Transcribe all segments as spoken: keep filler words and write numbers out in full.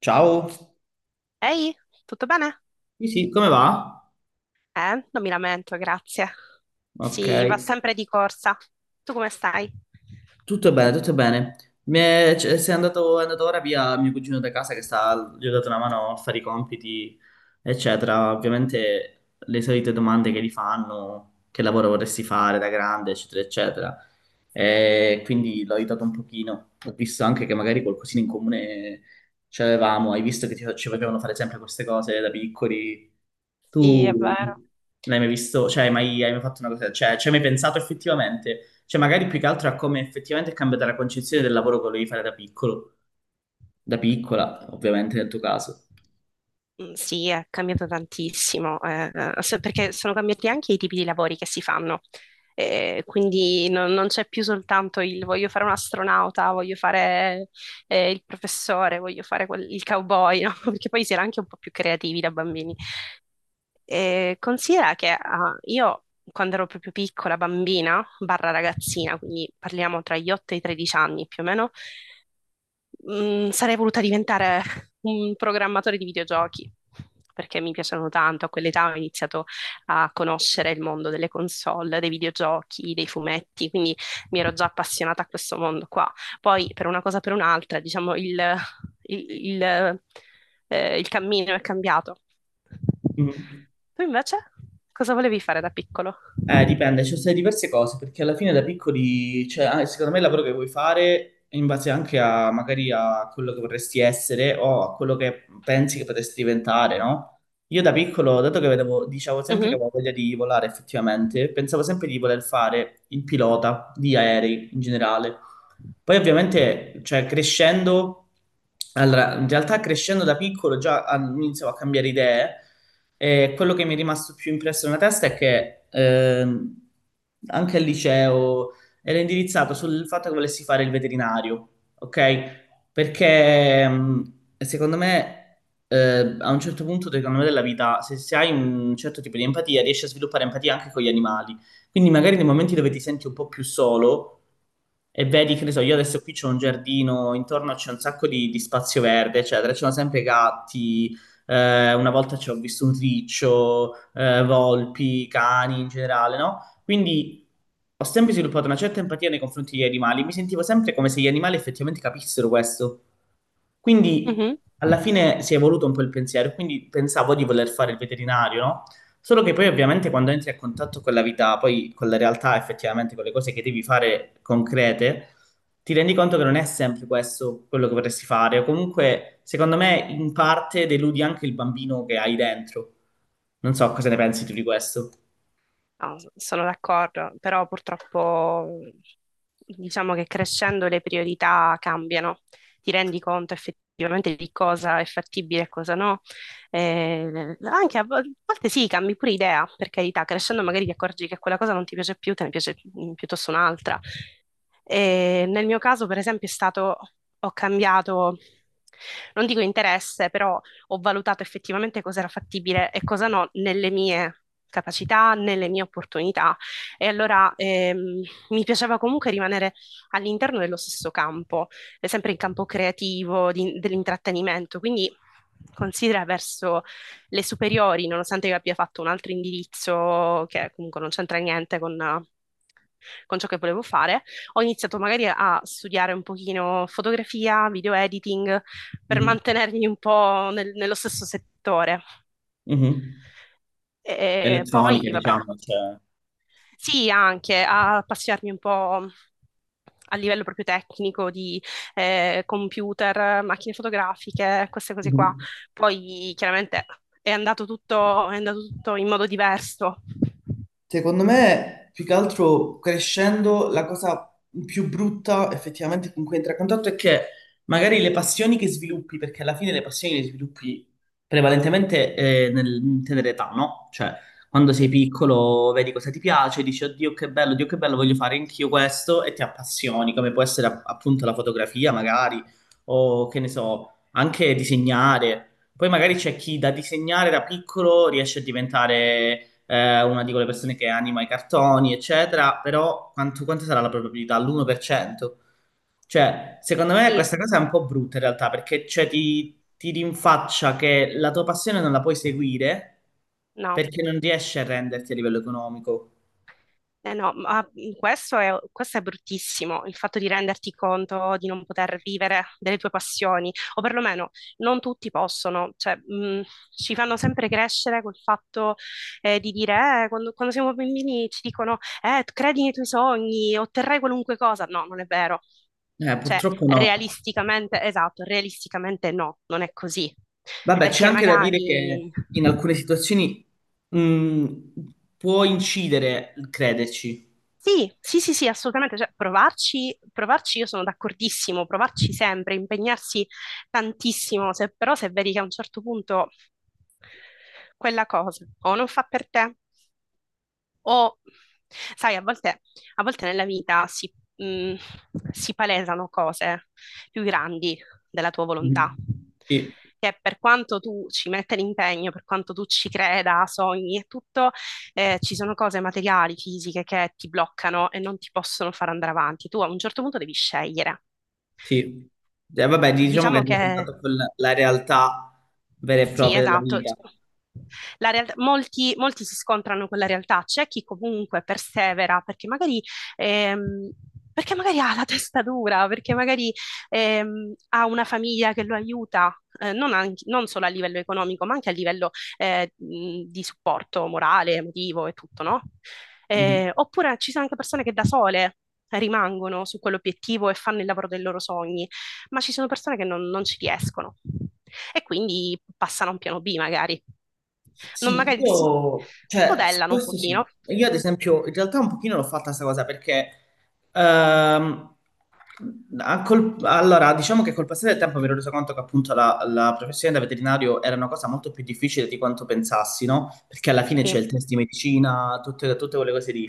Ciao. Ehi, tutto bene? Sì, sì, come va? Eh, non mi lamento, grazie. Ok, Sì, va sempre di corsa. Tu come stai? tutto bene, tutto bene. Mi è, c- se è andato, è andato ora via mio cugino da casa che sta, gli ho dato una mano a fare i compiti, eccetera. Ovviamente le solite domande che gli fanno, che lavoro vorresti fare da grande, eccetera, eccetera. E quindi l'ho aiutato un pochino. Ho visto anche che magari qualcosina in comune ce l'avevamo, hai visto che ci, ci facevano fare sempre queste cose da piccoli. Sì, è Tu vero. l'hai mai visto? Cioè, hai mai, hai mai fatto una cosa? Cioè, ci hai mai pensato effettivamente? Cioè, magari più che altro a come effettivamente è cambiata la concezione del lavoro che volevi fare da piccolo, da piccola, ovviamente nel tuo caso. Mm, Sì, è cambiato tantissimo, eh, eh, se- perché sono cambiati anche i tipi di lavori che si fanno. Eh, quindi non, non c'è più soltanto il voglio fare un astronauta, voglio fare eh, il professore, voglio fare quel- il cowboy, no? Perché poi si era anche un po' più creativi da bambini. Eh, considera che ah, io quando ero proprio piccola, bambina, barra ragazzina, quindi parliamo tra gli otto e i tredici anni più o meno. Mh, sarei voluta diventare un programmatore di videogiochi perché mi piacciono tanto. A quell'età ho iniziato a conoscere il mondo delle console, dei videogiochi, dei fumetti, quindi mi ero già appassionata a questo mondo qua. Poi per una cosa o per un'altra, diciamo, il, il- il, eh, il cammino è cambiato. Mhm. Tu invece cosa volevi fare da piccolo? Eh, dipende, ci sono state diverse cose, perché alla fine da piccoli, cioè, ah, secondo me il lavoro che vuoi fare è in base anche a magari a quello che vorresti essere o a quello che pensi che potresti diventare, no? Io da piccolo, dato che vedevo, dicevo sempre che Mhm, avevo voglia di volare effettivamente, pensavo sempre di voler fare il pilota di aerei in generale. Poi ovviamente, cioè, crescendo, allora, in realtà crescendo da piccolo già ah, iniziavo a cambiare idee e quello che mi è rimasto più impresso nella testa è che ehm, anche al liceo era indirizzato sul fatto che volessi fare il veterinario, ok? Perché mh, secondo me eh, a un certo punto secondo me, della vita, se, se hai un certo tipo di empatia, riesci a sviluppare empatia anche con gli animali. Quindi magari nei momenti dove ti senti un po' più solo e vedi, che ne so, io adesso qui c'ho un giardino, intorno c'è un sacco di, di spazio verde, eccetera, ci sono sempre gatti, eh, una volta ci ho visto un riccio, eh, volpi, cani in generale, no? Quindi ho sempre sviluppato una certa empatia nei confronti degli animali, mi sentivo sempre come se gli animali effettivamente capissero questo. Quindi mhm. alla fine si è evoluto un po' il pensiero, quindi pensavo di voler fare il veterinario, no? Solo che poi ovviamente quando entri a contatto con la vita, poi con la realtà, effettivamente con le cose che devi fare concrete, ti rendi conto che non è sempre questo quello che vorresti fare, o comunque, secondo me, in parte deludi anche il bambino che hai dentro. Non so cosa ne pensi tu di questo. No, sono d'accordo, però purtroppo diciamo che crescendo le priorità cambiano, ti rendi conto effettivamente di cosa è fattibile e cosa no. Eh, anche a, vo- a volte sì, cambi pure idea, per carità, crescendo magari ti accorgi che quella cosa non ti piace più, te ne piace mm, piuttosto un'altra. E nel mio caso, per esempio, è stato, ho cambiato, non dico interesse, però ho valutato effettivamente cosa era fattibile e cosa no nelle mie capacità, nelle mie opportunità. E allora ehm, mi piaceva comunque rimanere all'interno dello stesso campo, eh, sempre in campo creativo, di- dell'intrattenimento. Quindi considera verso le superiori, nonostante io abbia fatto un altro indirizzo che comunque non c'entra niente con, eh, con ciò che volevo fare, ho iniziato magari a studiare un pochino fotografia, video editing, per Mhm. mantenermi un po' nel- nello stesso settore. Mhm. E Elettronica, poi, vabbè, diciamo, cioè. sì, anche a appassionarmi un po' a livello proprio tecnico di eh, computer, macchine fotografiche, queste cose qua. Mhm. Poi chiaramente è andato tutto, è andato tutto in modo diverso. Secondo me, più che altro crescendo, la cosa più brutta effettivamente con cui entra a contatto è che magari le passioni che sviluppi, perché alla fine le passioni le sviluppi prevalentemente eh, nel in tenera età, no? Cioè, quando sei Sì, piccolo vedi cosa ti piace, dici, oddio che bello, Dio che bello, voglio fare anch'io questo e ti appassioni, come può essere app- appunto la fotografia magari, o che ne so, anche disegnare. Poi magari c'è chi da disegnare da piccolo riesce a diventare eh, una di quelle persone che anima i cartoni, eccetera, però quanto, quanta sarà la probabilità? L'uno per cento? Cioè, secondo me sì, questa cosa è un po' brutta in realtà, perché cioè, ti, ti rinfaccia che la tua passione non la puoi seguire no. perché non riesci a renderti a livello economico. Eh no, ma questo è, questo è bruttissimo, il fatto di renderti conto di non poter vivere delle tue passioni, o perlomeno non tutti possono, cioè, mh, ci fanno sempre crescere col fatto eh, di dire, eh, quando, quando siamo bambini ci dicono, eh, credi nei tuoi sogni, otterrai qualunque cosa. No, non è vero. Eh, Cioè, purtroppo no. realisticamente, esatto, realisticamente no, non è così. Vabbè, c'è Perché anche da dire che magari in alcune situazioni mh, può incidere il crederci. sì, sì, sì, sì, assolutamente, cioè, provarci, provarci io sono d'accordissimo, provarci sempre, impegnarsi tantissimo, se- però se vedi che a un certo punto quella cosa o non fa per te o sai, a volte, a volte nella vita si, mh, si palesano cose più grandi della tua volontà, Mhm. Sì, che per quanto tu ci metta l'impegno, per quanto tu ci creda, sogni e tutto, eh, ci sono cose materiali, fisiche che ti bloccano e non ti possono far andare avanti. Tu a un certo punto devi scegliere. sì. Eh, vabbè, diciamo che Diciamo è che contatto con la realtà vera e sì, propria della esatto. vita. La realtà- molti, molti si scontrano con la realtà, c'è chi comunque persevera perché magari, ehm, perché magari ha la testa dura, perché magari ehm, ha una famiglia che lo aiuta, eh, non, anche- non solo a livello economico, ma anche a livello eh, mh, di supporto morale, emotivo e tutto, no? Mhm. Eh, oppure ci sono anche persone che da sole rimangono su quell'obiettivo e fanno il lavoro dei loro sogni, ma ci sono persone che non, non ci riescono e quindi passano a un piano B magari. Non Sì, magari si io, cioè, su modellano un questo sì. pochino. Io ad esempio, in realtà un pochino l'ho fatta questa cosa perché, ehm, a col- allora, diciamo che col passare del tempo mi ero reso conto che appunto la, la professione da veterinario era una cosa molto più difficile di quanto pensassi, no? Perché alla fine Sì, c'è il test di medicina, tutte, tutte quelle cose lì.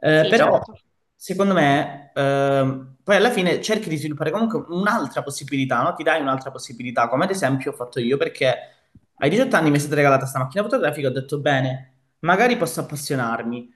Eh, sì, però, certo. secondo me, ehm, poi alla fine cerchi di sviluppare comunque un'altra possibilità, no? Ti dai un'altra possibilità, come ad esempio ho fatto io perché... Ai diciotto anni mi è stata regalata questa macchina fotografica, ho detto bene, magari posso appassionarmi.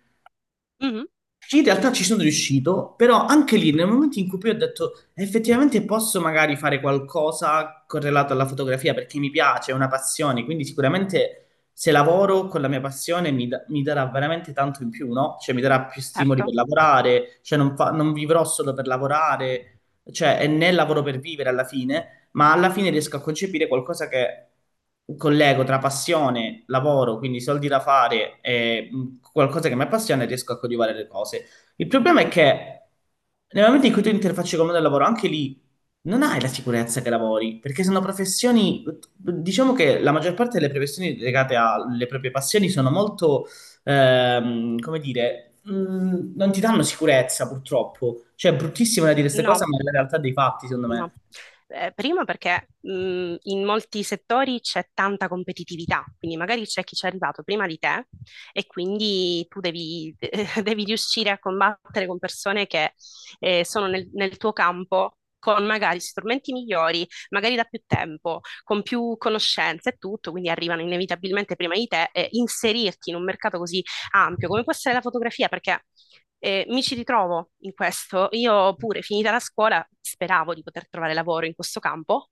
Mhm, Sì, in realtà ci sono riuscito, però anche lì nel momento in cui poi ho detto effettivamente posso magari fare qualcosa correlato alla fotografia perché mi piace, è una passione, quindi sicuramente se lavoro con la mia passione mi, da- mi darà veramente tanto in più, no? Cioè mi darà più stimoli per certo. lavorare, cioè non, fa- non vivrò solo per lavorare, cioè è nel lavoro per vivere alla fine ma alla fine riesco a concepire qualcosa che collego tra passione, lavoro, quindi soldi da fare e mh, qualcosa che mi appassiona e riesco a coltivare le cose. Il problema è che nel momento in cui tu interfacci con il mondo del lavoro, anche lì non hai la sicurezza che lavori, perché sono professioni, diciamo che la maggior parte delle professioni legate alle proprie passioni sono molto, ehm, come dire, mh, non ti danno sicurezza purtroppo. Cioè, è bruttissimo da dire queste cose, No, ma è la realtà dei fatti, secondo no, me. Eh, primo perché mh, in molti settori c'è tanta competitività, quindi magari c'è chi ci è arrivato prima di te e quindi tu devi, devi riuscire a combattere con persone che eh, sono nel, nel tuo campo con magari strumenti migliori, magari da più tempo, con più conoscenze e tutto, quindi arrivano inevitabilmente prima di te e inserirti in un mercato così ampio come può essere la fotografia, perché eh, mi ci ritrovo in questo. Io pure, finita la scuola, speravo di poter trovare lavoro in questo campo,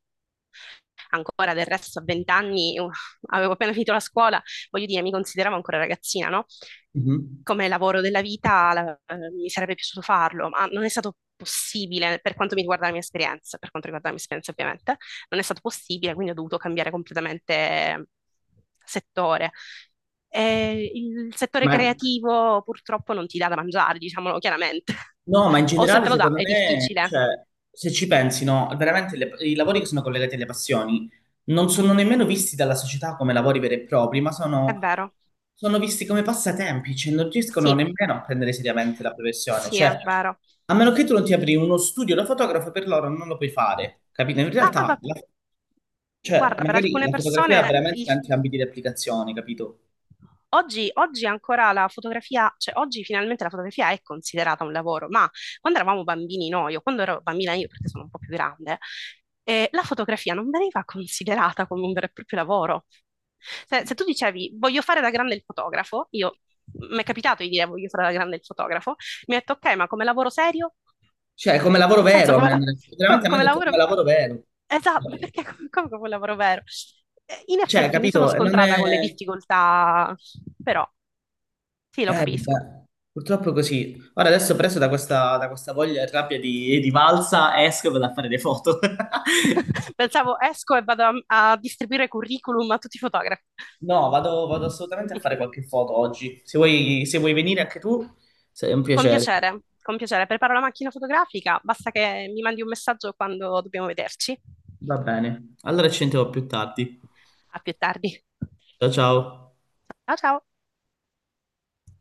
ancora del resto a venti anni. Uh, avevo appena finito la scuola, voglio dire, mi consideravo ancora ragazzina, no? Mhm. Come lavoro della vita, la- eh, mi sarebbe piaciuto farlo, ma non è stato possibile per quanto mi riguarda la mia esperienza, per quanto riguarda la mia esperienza ovviamente, non è stato possibile, quindi ho dovuto cambiare completamente settore. E il settore Ma, creativo purtroppo non ti dà da mangiare, diciamolo chiaramente. no, ma in O se generale, te lo dà secondo è me, difficile, cioè, se ci pensi, no, veramente le- i lavori che sono collegati alle passioni non sono nemmeno visti dalla società come lavori veri e propri, ma è sono, vero. sono visti come passatempi, cioè non riescono Sì, nemmeno a prendere seriamente la professione. sì, è Cioè, vero. a meno che tu non ti apri uno studio da fotografo, per loro non lo puoi fare, capito? In Ah, realtà, ma la- cioè, guarda, per magari alcune la fotografia ha persone veramente il- tanti ambiti di applicazione, capito? oggi, oggi ancora la fotografia, cioè oggi finalmente la fotografia è considerata un lavoro, ma quando eravamo bambini noi, o quando ero bambina io, perché sono un po' più grande, eh, la fotografia non veniva considerata come un vero e proprio lavoro. Se, se tu dicevi voglio fare da grande il fotografo, io mi è capitato di dire voglio fare da grande il fotografo, mi ha detto ok, ma come lavoro serio? Cioè, come In lavoro che senso vero, a come, me- la- co- veramente a me Come hanno detto come lavoro? lavoro vero. Esatto, ma Cioè, perché come, come capolavoro vero? Eh, In Cioè, effetti mi sono capito? Non è... scontrata con le difficoltà, però sì, lo Eh, capisco. vabbè. Purtroppo è così. Ora adesso preso da questa, da questa voglia e rabbia di, di valsa, esco e vado a fare le foto. Pensavo esco e vado a, a distribuire curriculum a tutti i fotografi. No, vado, vado assolutamente a fare qualche foto oggi. Se vuoi, se vuoi venire anche tu, sei un Con piacere. piacere, con piacere. Preparo la macchina fotografica, basta che mi mandi un messaggio quando dobbiamo vederci. Va bene. Allora ci sentiamo più tardi. A più tardi. Ciao ciao. Ciao ciao.